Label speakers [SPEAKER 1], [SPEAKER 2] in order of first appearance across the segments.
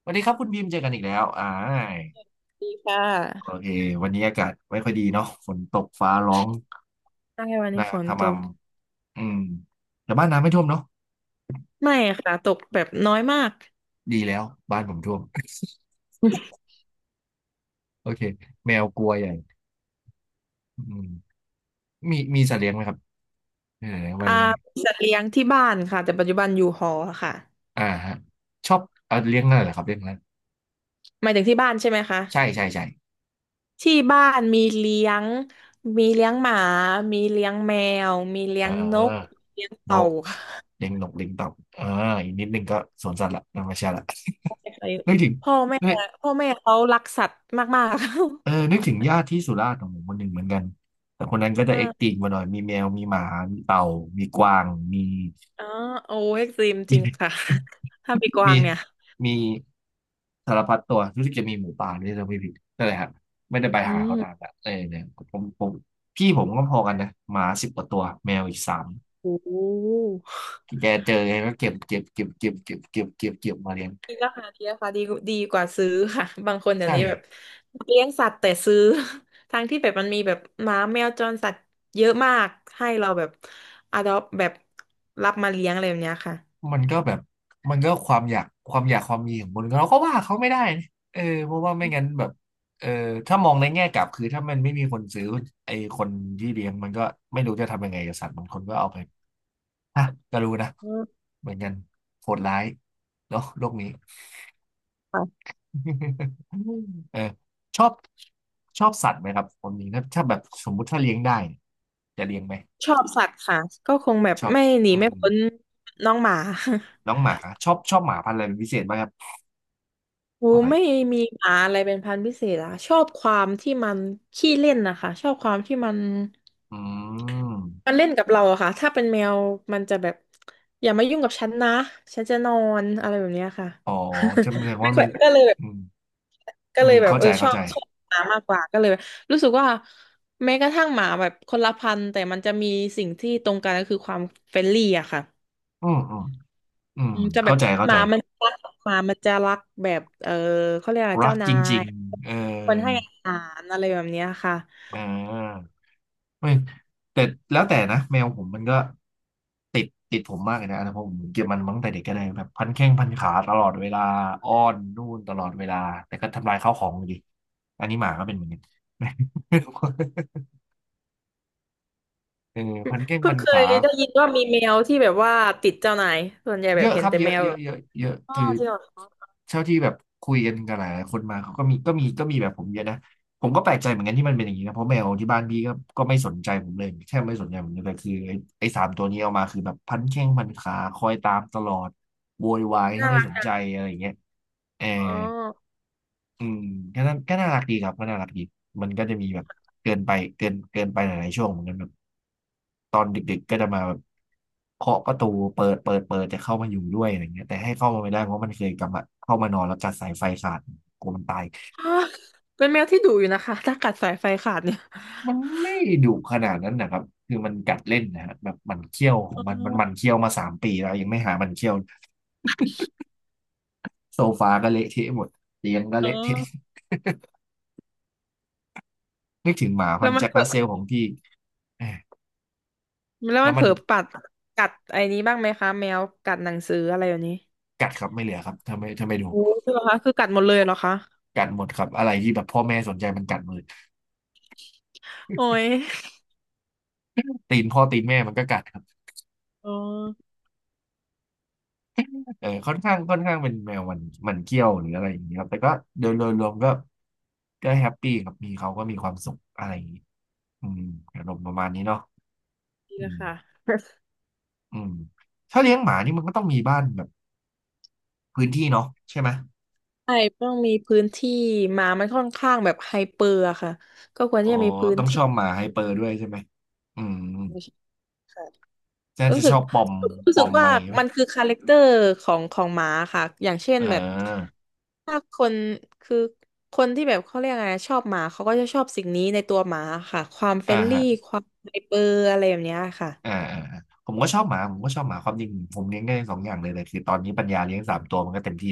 [SPEAKER 1] สวัสดีครับคุณบีมเจอกันอีกแล้ว
[SPEAKER 2] ดีค่
[SPEAKER 1] โอ
[SPEAKER 2] ะ
[SPEAKER 1] เค วันนี้อากาศไม่ค่อยดีเนาะฝนตกฟ้าร้อง
[SPEAKER 2] ใช่วันนี้
[SPEAKER 1] นา
[SPEAKER 2] ฝ
[SPEAKER 1] ข
[SPEAKER 2] นต
[SPEAKER 1] ม
[SPEAKER 2] ก
[SPEAKER 1] ำอืมแต่บ้านน้ำไม่ท่วมเนาะ
[SPEAKER 2] ไม่ค่ะตกแบบน้อยมาก
[SPEAKER 1] ดีแล้ว บ้านผมท่วม โอเค แมวกลัวใหญ่อืมมีสัตว์เลี้ยงไหมครับเออมา
[SPEAKER 2] อ่า
[SPEAKER 1] เลย
[SPEAKER 2] มีสัตว์เลี้ยงที่บ้านค่ะแต่ปัจจุบันอยู่หอค่ะ
[SPEAKER 1] อ่าฮะ ชอบเลี้ยงอะไรเหรอครับเลี้ยงอะไร
[SPEAKER 2] หมายถึงที่บ้านใช่ไหมคะ
[SPEAKER 1] ใช่ใช่ใช่
[SPEAKER 2] ที่บ้านมีเลี้ยงหมามีเลี้ยงแมวมีเลี้
[SPEAKER 1] เอ
[SPEAKER 2] ยงนก
[SPEAKER 1] อ
[SPEAKER 2] เลี้ยง
[SPEAKER 1] น
[SPEAKER 2] เต่า
[SPEAKER 1] ก
[SPEAKER 2] ค่ะ
[SPEAKER 1] เลี้ยงนกเลี้ยงเต่าเอออีกนิดนึงก็สวนสัตว์ละธรรมชาติละ ไม่ถึง
[SPEAKER 2] พ่อแม่พ่อแม่เขารักสัตว์มาก
[SPEAKER 1] เออนึกถึงญาติที่สุราษฎร์ของผมคนหนึ่งเหมือนกัน แต่คนนั้นก็
[SPEAKER 2] ๆ
[SPEAKER 1] จะเอ็กติง
[SPEAKER 2] อ่า
[SPEAKER 1] กว่าหน่อย มีแมว มีหมา มีเต่า มีกวาง มี
[SPEAKER 2] อ๋อโอ้เอ็กซ์ตรีมจริง
[SPEAKER 1] มี
[SPEAKER 2] ค่ะ ถ้ามีกวา
[SPEAKER 1] มี
[SPEAKER 2] งเนี่ย
[SPEAKER 1] มีสารพัดตัวรู้สึกจะมีหมูป่าด้วยถ้าไม่ผิดนั่นแหละครับ ไม่ได้ไป
[SPEAKER 2] อื
[SPEAKER 1] หาเขานาน
[SPEAKER 2] ม
[SPEAKER 1] ละเออเนี่ยผมพี่ผมก็พอกันนะหมาสิบกว่าตัว แมวอีกสาม
[SPEAKER 2] โอ้
[SPEAKER 1] แกเจอไงก็เก็บเก็บเก็บเก็บเก็บเก็บเก็บเก็บมาเลี้ยง
[SPEAKER 2] มีราคาดีดีกว่าซื้อค่ะ บางคนเดี๋ยว
[SPEAKER 1] ใช่
[SPEAKER 2] นี้แบบเลี้ยงสัตว์แต่ซื้อ ทั้งที่แบบมันมีแบบหมาแมวจรสัตว์เยอะมากให้เราแบบอดอปแบบรับมาเลี้ยงอะไรแบบเนี้ยค่ะ
[SPEAKER 1] มันก็แบบมันก็ความอยากความมีของคนเราก็ว่าเขาไม่ได้นะเออเพราะว่าไม่งั้นแบบเออถ้ามองในแง่กลับคือถ้ามันไม่มีคนซื้อไอ้คนที่เลี้ยงมันก็ไม่รู้จะทำยังไงกับสัตว์บางคนก็เอาไปฮะก็รู้นะ
[SPEAKER 2] อืม
[SPEAKER 1] เหมือนกันโหดร้ายเนาะโลกนี้
[SPEAKER 2] ค่ะ
[SPEAKER 1] เออชอบชอบสัตว์ไหมครับคนนี้ถ้าแบบสมมุติถ้าเลี้ยงได้เนี่ยจะเลี้ยงไหม
[SPEAKER 2] ชอบสัตว์ค่ะก็คงแบบ
[SPEAKER 1] ชอบ
[SPEAKER 2] ไม่หนี
[SPEAKER 1] อื
[SPEAKER 2] ไม่
[SPEAKER 1] ม
[SPEAKER 2] พ้นน้องหมา
[SPEAKER 1] น้องห มาชอบชอบหมาพันธุ์อะไรเป็นพิเศษไหมครับ
[SPEAKER 2] โอ้
[SPEAKER 1] ขอไป
[SPEAKER 2] ไม่มีหมาอะไรเป็นพันธุ์พิเศษอะชอบความที่มันขี้เล่นนะคะชอบความที่มัน
[SPEAKER 1] อื
[SPEAKER 2] มั
[SPEAKER 1] ม
[SPEAKER 2] นเล่นกับเราอะค่ะถ้าเป็นแมวมันจะแบบอย่ามายุ่งกับฉันนะฉันจะนอนอะไรแบบเนี้ยค่ะ
[SPEAKER 1] อ๋อจำแสดง
[SPEAKER 2] ไม่
[SPEAKER 1] ว่ามั
[SPEAKER 2] ค่อ
[SPEAKER 1] น
[SPEAKER 2] ยก็เลยแบบ
[SPEAKER 1] อืมอืมเข้าใจ
[SPEAKER 2] ช
[SPEAKER 1] เข้า
[SPEAKER 2] อบ
[SPEAKER 1] ใจ
[SPEAKER 2] หมามากกว่าก็เลยแบบรู้สึกว่าแม้กระทั่งหมาแบบคนละพันธุ์แต่มันจะมีสิ่งที่ตรงกันก็คือความเฟรนลี่อะค่ะ
[SPEAKER 1] อืมอืมอืม
[SPEAKER 2] อืมจะแบ
[SPEAKER 1] เข้า
[SPEAKER 2] บ
[SPEAKER 1] ใจเข้า
[SPEAKER 2] ห
[SPEAKER 1] ใจ
[SPEAKER 2] มามันรักหมามันจะรักแบบเขาเรียกอะไร
[SPEAKER 1] รัก
[SPEAKER 2] เจ้า
[SPEAKER 1] จ
[SPEAKER 2] นา
[SPEAKER 1] ริ
[SPEAKER 2] ย
[SPEAKER 1] งๆเอ
[SPEAKER 2] คน
[SPEAKER 1] อ
[SPEAKER 2] ให้อาหารอะไรแบบเนี้ยค่ะ
[SPEAKER 1] อ่าไม่แต่แล้วแต่นะแมวผมมันก็ติดผมมากเลยนะเพราะผมเก็บมันมาตั้งแต่เด็กก็เลยแบบพันแข้งพันขาตลอดเวลาอ้อนนู่นตลอดเวลาแต่ก็ทำลายข้าวของอยู่ดีอันนี้หมาก็เป็นเหมือนกัน เออพันแข้ง
[SPEAKER 2] เพิ่
[SPEAKER 1] พั
[SPEAKER 2] ง
[SPEAKER 1] น
[SPEAKER 2] เค
[SPEAKER 1] ขา
[SPEAKER 2] ยได้ยินว่ามีแมวที่แบบว่าติดเจ้านายส่วนใหญ่แบ
[SPEAKER 1] เย
[SPEAKER 2] บ
[SPEAKER 1] อะ
[SPEAKER 2] เห็
[SPEAKER 1] ค
[SPEAKER 2] น
[SPEAKER 1] รับ
[SPEAKER 2] แต่
[SPEAKER 1] เย
[SPEAKER 2] แม
[SPEAKER 1] อะ
[SPEAKER 2] ว
[SPEAKER 1] เยอะเยอะเยอะ
[SPEAKER 2] อ๋อ
[SPEAKER 1] คือ
[SPEAKER 2] จริงเหรอ
[SPEAKER 1] เท่าที่แบบคุยกันกับหลายๆคนมาเขาก็มีแบบผมเยอะนะผมก็แปลกใจเหมือนกันที่มันเป็นอย่างนี้นะเพราะแมวที่บ้านพี่ก็ไม่สนใจผมเลยแทบไม่สนใจผมเลยแต่คือไอ้สามตัวนี้เอามาคือแบบพันแข้งพันขาคอยตามตลอดโวยวายถ้า
[SPEAKER 2] น่า
[SPEAKER 1] ไม่
[SPEAKER 2] รั
[SPEAKER 1] สน
[SPEAKER 2] ก
[SPEAKER 1] ใจอะไรอย่างเงี้ยเออ
[SPEAKER 2] อ๋อ
[SPEAKER 1] อืมก็น่ารักดีครับก็น่ารักดีมันก็จะมีแบบเกินไปเกินไปหลายๆช่วงเหมือนกันแบบตอนเด็กๆก็จะมาแบบเคาะประตูเปิดจะเข้ามาอยู่ด้วยอะไรเงี้ยแต่ให้เข้ามาไม่ได้เพราะมันเคยกลับมาเข้ามานอนแล้วกัดสายไฟขาดกลัวมันตาย
[SPEAKER 2] อ้าวเป็นแมวที่ดุอยู่นะคะถ้ากัดสายไฟขาดเนี่ย
[SPEAKER 1] มันไม่ดุขนาดนั้นนะครับคือมันกัดเล่นนะฮะแบบหมันเคี้ยวของ
[SPEAKER 2] อ๋
[SPEAKER 1] มันมันหมัน
[SPEAKER 2] อ
[SPEAKER 1] เคี้ยวมาสามปีแล้วยังไม่หาหมันเคี้ยวโซฟาก็เละเทะหมดเตียงก็
[SPEAKER 2] เอ
[SPEAKER 1] เละเทะ
[SPEAKER 2] อ
[SPEAKER 1] นึกถึงหมาพั
[SPEAKER 2] แล้ว
[SPEAKER 1] นธุ์
[SPEAKER 2] มัน
[SPEAKER 1] แจ็ค
[SPEAKER 2] เผลอ
[SPEAKER 1] รัสเซลของพี่แหม
[SPEAKER 2] แล้ว
[SPEAKER 1] แล้
[SPEAKER 2] มั
[SPEAKER 1] ว
[SPEAKER 2] นเผ
[SPEAKER 1] มั
[SPEAKER 2] ล
[SPEAKER 1] น
[SPEAKER 2] อปัดกัดไอ้นี้บ้างไหมคะแมวกัดหนังสืออะไรอย่างนี้
[SPEAKER 1] กัดครับไม่เหลือครับถ้าไม่ดู
[SPEAKER 2] โอ้ใช่เหรอคะคือกัดหมดเลยเหรอคะ
[SPEAKER 1] กัดหมดครับอะไรที่แบบพ่อแม่สนใจมันกัดหมดเลย
[SPEAKER 2] โอ้ย
[SPEAKER 1] ตีนพ่อตีนแม่มันก็กัดครับ
[SPEAKER 2] อ๋อ
[SPEAKER 1] เออค่อนข้างเป็นแมวมันมันเกี้ยวหรืออะไรอย่างเงี้ยครับแต่ก็โดยรวมก็ก็แฮปปี้ครับมีเขาก็มีความสุขอะไรอย่างงี้อืมอารมณ์ประมาณนี้เนาะ
[SPEAKER 2] ดี
[SPEAKER 1] อื
[SPEAKER 2] ละ
[SPEAKER 1] ม
[SPEAKER 2] ค่ะ
[SPEAKER 1] อืมถ้าเลี้ยงหมานี่มันก็ต้องมีบ้านแบบพื้นที่เนาะใช่ไหม
[SPEAKER 2] ใช่ต้องมีพื้นที่หมามันค่อนข้างแบบไฮเปอร์อะค่ะก็ควร
[SPEAKER 1] อ๋อ
[SPEAKER 2] ที่จะมีพื้น
[SPEAKER 1] ต้องช
[SPEAKER 2] ที่
[SPEAKER 1] อบหมาไฮเปอร์ด้วยใช่ไหมอืม
[SPEAKER 2] ค่ะ
[SPEAKER 1] น่า
[SPEAKER 2] รู้
[SPEAKER 1] จะ
[SPEAKER 2] สึ
[SPEAKER 1] ช
[SPEAKER 2] ก
[SPEAKER 1] อบปอม
[SPEAKER 2] รู้
[SPEAKER 1] ป
[SPEAKER 2] สึ
[SPEAKER 1] อ
[SPEAKER 2] ก
[SPEAKER 1] มอะ
[SPEAKER 2] ว่า
[SPEAKER 1] ไรอย่างเงี้ย
[SPEAKER 2] มั
[SPEAKER 1] ป่ะ
[SPEAKER 2] นคือคาแรคเตอร์ของหมาค่ะอย่างเช่
[SPEAKER 1] เ
[SPEAKER 2] นแบบ
[SPEAKER 1] ออ
[SPEAKER 2] ถ้าคนคือคนที่แบบเขาเรียกอะไงชอบหมาเขาก็จะชอบสิ่งนี้ในตัวหมาค่ะความเฟร
[SPEAKER 1] อ่า
[SPEAKER 2] นลี่
[SPEAKER 1] ฮะ
[SPEAKER 2] ความไฮเปอร์อะไรแบบเนี้ยค่ะ
[SPEAKER 1] อ่าอ่าอ่าผมก็ชอบหมาผมก็ชอบหมาความจริงผมเลี้ยงได้สองอย่างเลยแต่คือตอนนี้ปัญญาเลี้ยงสามตัวมันก็เต็มที่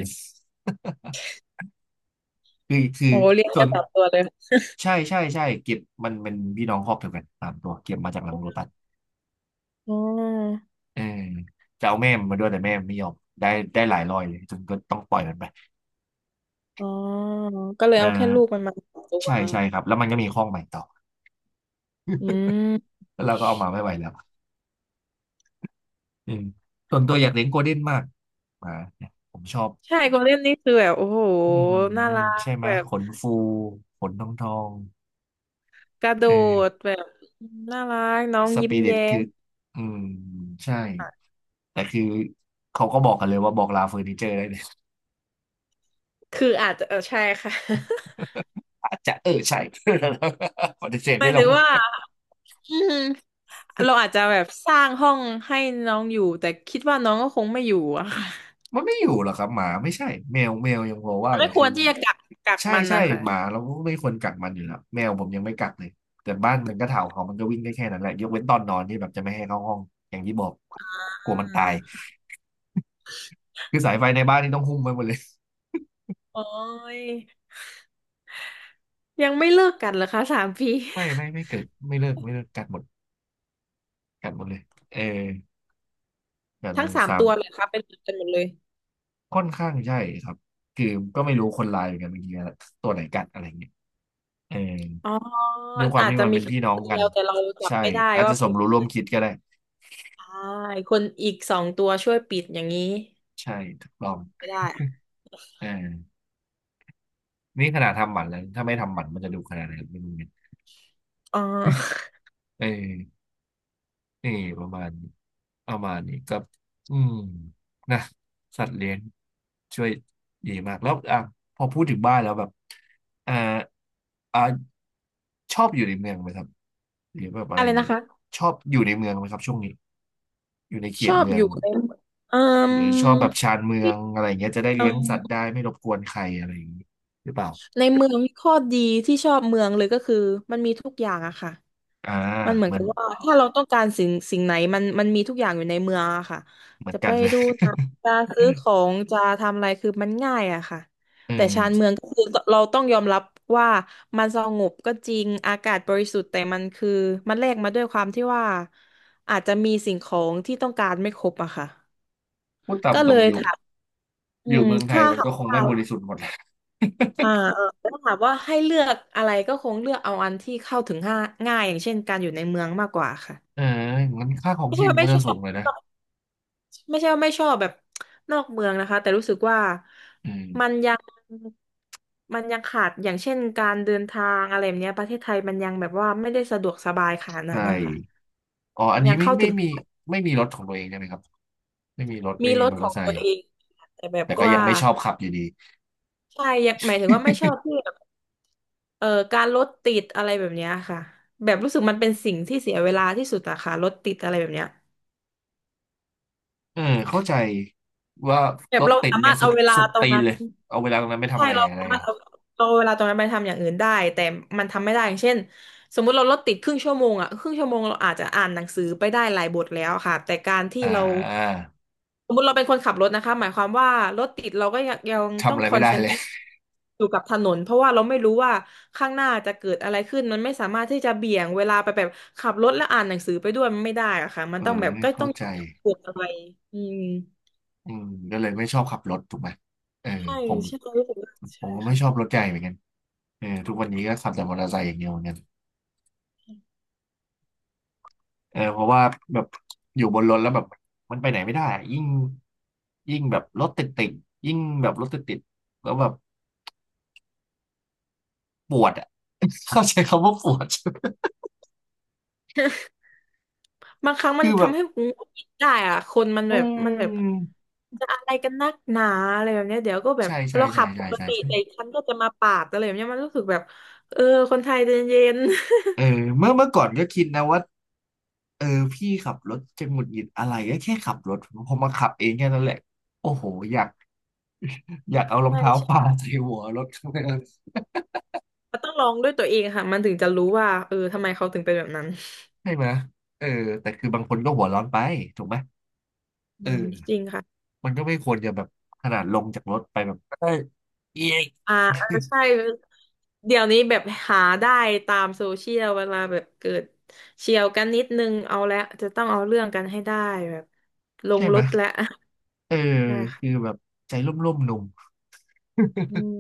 [SPEAKER 1] คือคื
[SPEAKER 2] โอ้
[SPEAKER 1] อ
[SPEAKER 2] เลียง
[SPEAKER 1] ส่
[SPEAKER 2] แค่
[SPEAKER 1] วน
[SPEAKER 2] สามตัวเลย
[SPEAKER 1] ใช่ใช่ใช่เก็บมันเป็นพี่น้องครอบเดียวกันสามตัวเก็บมาจากหลังโลตัส
[SPEAKER 2] อ๋อ
[SPEAKER 1] เออจะเอาแม่มันมาด้วยแต่แม่มันไม่ยอมได้ได้หลายร้อยเลยจนก็ต้องปล่อยมันไป
[SPEAKER 2] อ๋อก็เล
[SPEAKER 1] อ
[SPEAKER 2] ยเอาแค่ลูก
[SPEAKER 1] ่า
[SPEAKER 2] มันมาสองตัว
[SPEAKER 1] ใช่ใช่ครับแล้วมันก็มีข้องใหม่ต่อ
[SPEAKER 2] อืม
[SPEAKER 1] แล้วเราก็เอามาไม่ไหวแล้วอืมส่วนตัวอยากเลี้ยงโกลเด้นมากหมาเนี่ยผมชอบ
[SPEAKER 2] ใช่โกลเด้นนี่คือแบบโอ้โห
[SPEAKER 1] อืม
[SPEAKER 2] น่ารัก
[SPEAKER 1] ใช่ไหม
[SPEAKER 2] แบบ
[SPEAKER 1] ขนฟูขนทองทอง
[SPEAKER 2] กระโด
[SPEAKER 1] เอ
[SPEAKER 2] ด
[SPEAKER 1] อ
[SPEAKER 2] แบบน่ารักน้อง
[SPEAKER 1] ส
[SPEAKER 2] ยิ้ม
[SPEAKER 1] ปิริต
[SPEAKER 2] แย้
[SPEAKER 1] คือ
[SPEAKER 2] ม
[SPEAKER 1] อืมใช่แต่คือเขาก็บอกกันเลยว่าบอกลาเฟอร์นิเจอร์ได้เลย
[SPEAKER 2] คืออาจจะใช่ค่ะ
[SPEAKER 1] อาจจะเออใช่ ปฏิเสธ
[SPEAKER 2] หมา
[SPEAKER 1] ไม่
[SPEAKER 2] ย
[SPEAKER 1] ล
[SPEAKER 2] ถึ
[SPEAKER 1] ง
[SPEAKER 2] งว่าอืม เราอาจจะแบบสร้างห้องให้น้องอยู่แต่คิดว่าน้องก็คงไม่อยู่อะค่ะ
[SPEAKER 1] มันไม่อยู่หรอกครับหมาไม่ใช่แมวยังพอว่าแต่
[SPEAKER 2] ไม่คว
[SPEAKER 1] คือ
[SPEAKER 2] รที่จะกัก
[SPEAKER 1] ใช่
[SPEAKER 2] มัน
[SPEAKER 1] ใช่
[SPEAKER 2] นะคะ
[SPEAKER 1] หมาเราก็ไม่ควรกัดมันอยู่แล้วแมวผมยังไม่กัดเลยแต่บ้านมันก็เถ่าเขามันก็วิ่งได้แค่นั้นแหละยกเว้นตอนนอนที่แบบจะไม่ให้เข้าห้องอย่างที่บอกกลัว
[SPEAKER 2] อ่า
[SPEAKER 1] มันตาย
[SPEAKER 2] ค่ะ
[SPEAKER 1] คือสายไฟในบ้านนี่ต้องหุ้มไว้หมดเลย
[SPEAKER 2] โอ้ยยังไม่เลิกกันเหรอคะสามปี
[SPEAKER 1] ไม่เกิดไม่เลิกกัดหมดกัดหมดเลยเออกัด หม
[SPEAKER 2] ทั้ง
[SPEAKER 1] ด
[SPEAKER 2] สาม
[SPEAKER 1] สาม
[SPEAKER 2] ตัวเลยคะเป็นเหมือนกันหมดเลย
[SPEAKER 1] ค่อนข้างใช่ครับคือก็ไม่รู้คนลายเหมือนกันบางทีตัวไหนกัดอะไรเงี้ยเออ
[SPEAKER 2] อ๋อ
[SPEAKER 1] ด้วยความ
[SPEAKER 2] อาจ
[SPEAKER 1] ที่
[SPEAKER 2] จะ
[SPEAKER 1] มัน
[SPEAKER 2] มี
[SPEAKER 1] เป็น
[SPEAKER 2] ค่
[SPEAKER 1] พี่น้อง
[SPEAKER 2] ตัวเดี
[SPEAKER 1] กัน
[SPEAKER 2] ยวแต่เราจับ
[SPEAKER 1] ใช่
[SPEAKER 2] ไม่ได้
[SPEAKER 1] อาจ
[SPEAKER 2] ว่า
[SPEAKER 1] จะส
[SPEAKER 2] เป็
[SPEAKER 1] ม
[SPEAKER 2] นข
[SPEAKER 1] รู้ร่วม
[SPEAKER 2] นาด
[SPEAKER 1] คิดก็ได้
[SPEAKER 2] ใช่คนอีกสองตัวช่วยปิดอย่างนี้
[SPEAKER 1] ใช่ถูกต้อง
[SPEAKER 2] ไม่ได้อะ
[SPEAKER 1] เออนี่ขนาดทำหมันแล้วถ้าไม่ทำหมันมันจะดูขนาดไหนไม่รู้เนี่ย
[SPEAKER 2] อ๋อ
[SPEAKER 1] เออนี่ประมาณนี้ประมาณนี้ก็อืมนะสัตว์เลี้ยง ช่วยดีมากแล้วอ่ะพอพูดถึงบ้านแล้วแบบอ่าอ่าชอบอยู่ในเมืองไหมครับหรือแบบอะไร
[SPEAKER 2] อะไร
[SPEAKER 1] อย่าง
[SPEAKER 2] นะ
[SPEAKER 1] นี้
[SPEAKER 2] คะ
[SPEAKER 1] ชอบอยู่ในเมืองไหมครับช่วงนี้อยู่ในเข
[SPEAKER 2] ช
[SPEAKER 1] ต
[SPEAKER 2] อบ
[SPEAKER 1] เมือ
[SPEAKER 2] อ
[SPEAKER 1] ง
[SPEAKER 2] ยู่ในเอ่
[SPEAKER 1] ห
[SPEAKER 2] ม
[SPEAKER 1] รือชอบแบบชานเมือ
[SPEAKER 2] ที่
[SPEAKER 1] งอะไรอย่างเงี้ยจะได้
[SPEAKER 2] เอ่
[SPEAKER 1] เลี้ยง
[SPEAKER 2] อ
[SPEAKER 1] สัตว์ได้ไม่รบกวนใครอะไรอย่างนี้หรือเปล่า
[SPEAKER 2] ในเมืองข้อดีที่ชอบเมืองเลยก็คือมันมีทุกอย่างอะค่ะ
[SPEAKER 1] อ่า
[SPEAKER 2] มันเหมือ
[SPEAKER 1] เห
[SPEAKER 2] น
[SPEAKER 1] มื
[SPEAKER 2] กั
[SPEAKER 1] อน
[SPEAKER 2] บว่าถ้าเราต้องการสิ่งไหนมันมีทุกอย่างอยู่ในเมืองอะค่ะ
[SPEAKER 1] เหมือ
[SPEAKER 2] จะ
[SPEAKER 1] นกั
[SPEAKER 2] ไป
[SPEAKER 1] นเลย
[SPEAKER 2] ดูหนังจะซื้อขอ งจะทำอะไรคือมันง่ายอะค่ะ
[SPEAKER 1] เอ
[SPEAKER 2] แต่ชานเมือ
[SPEAKER 1] อ
[SPEAKER 2] งก็คือเราต้องยอมรับว่ามันสงบก็จริงอากาศบริสุทธิ์แต่มันคือมันแลกมาด้วยความที่ว่าอาจจะมีสิ่งของที่ต้องการไม่ครบอะค่ะ
[SPEAKER 1] พูดตาม
[SPEAKER 2] ก็
[SPEAKER 1] ต
[SPEAKER 2] เล
[SPEAKER 1] รง
[SPEAKER 2] ย
[SPEAKER 1] อยู่
[SPEAKER 2] ถามอื
[SPEAKER 1] อยู่
[SPEAKER 2] ม
[SPEAKER 1] เมืองไทย
[SPEAKER 2] ค่า
[SPEAKER 1] มัน
[SPEAKER 2] หา
[SPEAKER 1] ก็คงไม่บริสุทธิ์หมดแหละ
[SPEAKER 2] อ่าแล้วถามว่าให้เลือกอะไรก็คงเลือกเอาอันที่เข้าถึงง่ายอย่างเช่นการอยู่ในเมืองมากกว่าค่ะ
[SPEAKER 1] เอองั้นค่าของ
[SPEAKER 2] ไม่
[SPEAKER 1] ชี
[SPEAKER 2] ใช่
[SPEAKER 1] พ
[SPEAKER 2] ว่า
[SPEAKER 1] มัน
[SPEAKER 2] ไม่
[SPEAKER 1] ก็
[SPEAKER 2] ช
[SPEAKER 1] จะ
[SPEAKER 2] อ
[SPEAKER 1] สู
[SPEAKER 2] บ
[SPEAKER 1] งเลยนะ
[SPEAKER 2] ไม่ใช่ว่าไม่ชอบแบบนอกเมืองนะคะแต่รู้สึกว่า
[SPEAKER 1] อืม
[SPEAKER 2] มันยังขาดอย่างเช่นการเดินทางอะไรแบบเนี้ยประเทศไทยมันยังแบบว่าไม่ได้สะดวกสบายขนาดนั้
[SPEAKER 1] ใช่
[SPEAKER 2] นนะคะ
[SPEAKER 1] อ๋ออันนี้
[SPEAKER 2] ยัง
[SPEAKER 1] ไม่
[SPEAKER 2] เข้า
[SPEAKER 1] ไม่
[SPEAKER 2] ถึง
[SPEAKER 1] มีไม่มีรถของตัวเองใช่ไหมครับไม่มีรถ
[SPEAKER 2] มี
[SPEAKER 1] ไม่มี
[SPEAKER 2] รถ
[SPEAKER 1] มอ
[SPEAKER 2] ข
[SPEAKER 1] เตอ
[SPEAKER 2] อง
[SPEAKER 1] ร์ไซ
[SPEAKER 2] ตัว
[SPEAKER 1] ค์
[SPEAKER 2] เองแต่แบบ
[SPEAKER 1] แต่ก็
[SPEAKER 2] ว่า
[SPEAKER 1] ยังไม่ชอบขับอยู่ดี
[SPEAKER 2] ใช่ยังหมายถึงว่าไม่ชอบที่แบบ เอ่อการรถติดอะไรแบบเนี้ยค่ะแบบรู้สึกมันเป็นสิ่งที่เสียเวลาที่สุดอะค่ะรถติดอะไรแบบเนี้ย
[SPEAKER 1] เออเข้าใจว่า
[SPEAKER 2] แบ
[SPEAKER 1] ร
[SPEAKER 2] บ
[SPEAKER 1] ถ
[SPEAKER 2] เรา
[SPEAKER 1] ติด
[SPEAKER 2] สามา
[SPEAKER 1] เนี่ย
[SPEAKER 2] รถ
[SPEAKER 1] สุ
[SPEAKER 2] เอา
[SPEAKER 1] ด
[SPEAKER 2] เวลา
[SPEAKER 1] สุด
[SPEAKER 2] ตรง
[SPEAKER 1] ตีน
[SPEAKER 2] นั้น
[SPEAKER 1] เลยเอาเวลาตรงนั้นไม่ทำ
[SPEAKER 2] ใช่
[SPEAKER 1] อะไร
[SPEAKER 2] เรา
[SPEAKER 1] อะไร
[SPEAKER 2] สามารถเอาเอาเวลาตรงนั้นไปทำอย่างอื่นได้แต่มันทำไม่ได้อย่างเช่นสมมุติเรารถติดครึ่งชั่วโมงอ่ะครึ่งชั่วโมงเราอาจจะอ่านหนังสือไปได้หลายบทแล้วค่ะแต่การที่
[SPEAKER 1] อ่
[SPEAKER 2] เรา
[SPEAKER 1] า
[SPEAKER 2] สมมุติเราเป็นคนขับรถนะคะหมายความว่ารถติดเราก็ยัง
[SPEAKER 1] ทำ
[SPEAKER 2] ต้อ
[SPEAKER 1] อะ
[SPEAKER 2] ง
[SPEAKER 1] ไร
[SPEAKER 2] คอ
[SPEAKER 1] ไม่
[SPEAKER 2] น
[SPEAKER 1] ได้
[SPEAKER 2] เซน
[SPEAKER 1] เล
[SPEAKER 2] เท
[SPEAKER 1] ย
[SPEAKER 2] รตอยู่กับถนนเพราะว่าเราไม่รู้ว่าข้างหน้าจะเกิดอะไรขึ้นมันไม่สามารถที่จะเบี่ยงเวลาไปแบบขับรถและอ่านหนังสือไปด้วยมันไม่ได้อะค่ะมัน
[SPEAKER 1] เอ
[SPEAKER 2] ต้องแบบ
[SPEAKER 1] อ
[SPEAKER 2] ก็ต้
[SPEAKER 1] เข้า
[SPEAKER 2] องเ
[SPEAKER 1] ใจ
[SPEAKER 2] กิดอะไรอืม
[SPEAKER 1] อืมก็เลยไม่ชอบขับรถถูกไหมเออ
[SPEAKER 2] ใช่
[SPEAKER 1] ผม
[SPEAKER 2] ใช่รู้สึกว่า
[SPEAKER 1] ผ
[SPEAKER 2] ใช่
[SPEAKER 1] มก็ไม่
[SPEAKER 2] ค่ะ
[SPEAKER 1] ชอบรถใหญ่เหมือนกันเออทุกวันนี้ก็ขับแต่มอเตอร์ไซค์อย่างเดียวเหมือนกัน เออเพราะว่าแบบอยู่บนรถแล้วแบบมันไปไหนไม่ได้อะยิ่งแบบรถติดยิ่งแบบรถติดติดแล้วแบบปวดอ่ะ เข้าใจคำว่าปวด
[SPEAKER 2] บางครั้ง มั
[SPEAKER 1] คื
[SPEAKER 2] น
[SPEAKER 1] อแบบ
[SPEAKER 2] ทำให้ผมหงุดหงิดได้อ่ะคนมัน
[SPEAKER 1] อื
[SPEAKER 2] แบบ
[SPEAKER 1] ม
[SPEAKER 2] จะอะไรกันนักหนาอะไรแบบเนี้ยเดี๋ยวก็แบบ
[SPEAKER 1] ใช่ใช่
[SPEAKER 2] เรา
[SPEAKER 1] ใช่
[SPEAKER 2] ขับป
[SPEAKER 1] ใช่
[SPEAKER 2] ก
[SPEAKER 1] ใช่
[SPEAKER 2] ติ
[SPEAKER 1] ใช่
[SPEAKER 2] แต่อีกคันก็จะมาปาดอะไรแบบเนี้ยมันรู้สึกแบบเออคนไทยใจเย็น
[SPEAKER 1] เออเมื่อก่อนก็คิดนะว่าเออพี่ขับรถจะหงุดหงิดอะไรก็แค่ขับรถพอมาขับเองแค่นั้นแหละโอ้โหอยากอยากเอารอง
[SPEAKER 2] ใช่
[SPEAKER 1] เท้าปา
[SPEAKER 2] ใช่
[SPEAKER 1] ใส่หัวรถข้างหน้า
[SPEAKER 2] มันต้องลองด้วยตัวเองค่ะมันถึงจะรู้ว่าเออทำไมเขาถึงเป็นแบบนั้น
[SPEAKER 1] ใช่ไหมเออแต่คือบางคนก็หัวร้อนไปถูกไหม
[SPEAKER 2] อืม
[SPEAKER 1] เออ
[SPEAKER 2] จริงค่ะ
[SPEAKER 1] มันก็ไม่ควรจะแบบขนาดลงจากรถไปแบบเอ้ยเอี๊ยะ
[SPEAKER 2] อ่าเออใช่เดี๋ยวนี้แบบหาได้ตามโซเชียลเวลาแบบเกิดเฉี่ยวกันนิดนึงเอาแล้วจะต้องเอาเรื่องกันให้ได้แบบล ง
[SPEAKER 1] ใช่
[SPEAKER 2] ร
[SPEAKER 1] ไหม
[SPEAKER 2] ถแล้ว
[SPEAKER 1] เออ
[SPEAKER 2] ใช่ค่ะ
[SPEAKER 1] คือแบบใจร่มๆหนุ่ม
[SPEAKER 2] อืม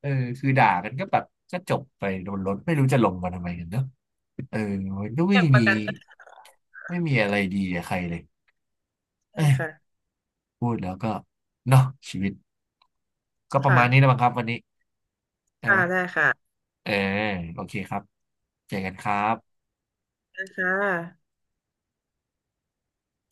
[SPEAKER 1] เออคือด่ากันก็แบบก็จบไปโดนรถไม่รู้จะลงมาทำไมกันเนอะเออมันก็ไม่
[SPEAKER 2] เรื่องป
[SPEAKER 1] มี
[SPEAKER 2] ระกัน
[SPEAKER 1] ไม่มีอะไรดีกับใครเลยเอ้
[SPEAKER 2] ได้
[SPEAKER 1] ย
[SPEAKER 2] ค่ะ
[SPEAKER 1] พูดแล้วก็เนาะชีวิตก็ประมาณนี้แล้ว
[SPEAKER 2] ค่ะ
[SPEAKER 1] มั้งครับวันนี้ใช่ไห
[SPEAKER 2] ค่ะ
[SPEAKER 1] ม
[SPEAKER 2] ได้ค่ะ
[SPEAKER 1] เออโอเคครับเจอกันครับ
[SPEAKER 2] นะคะ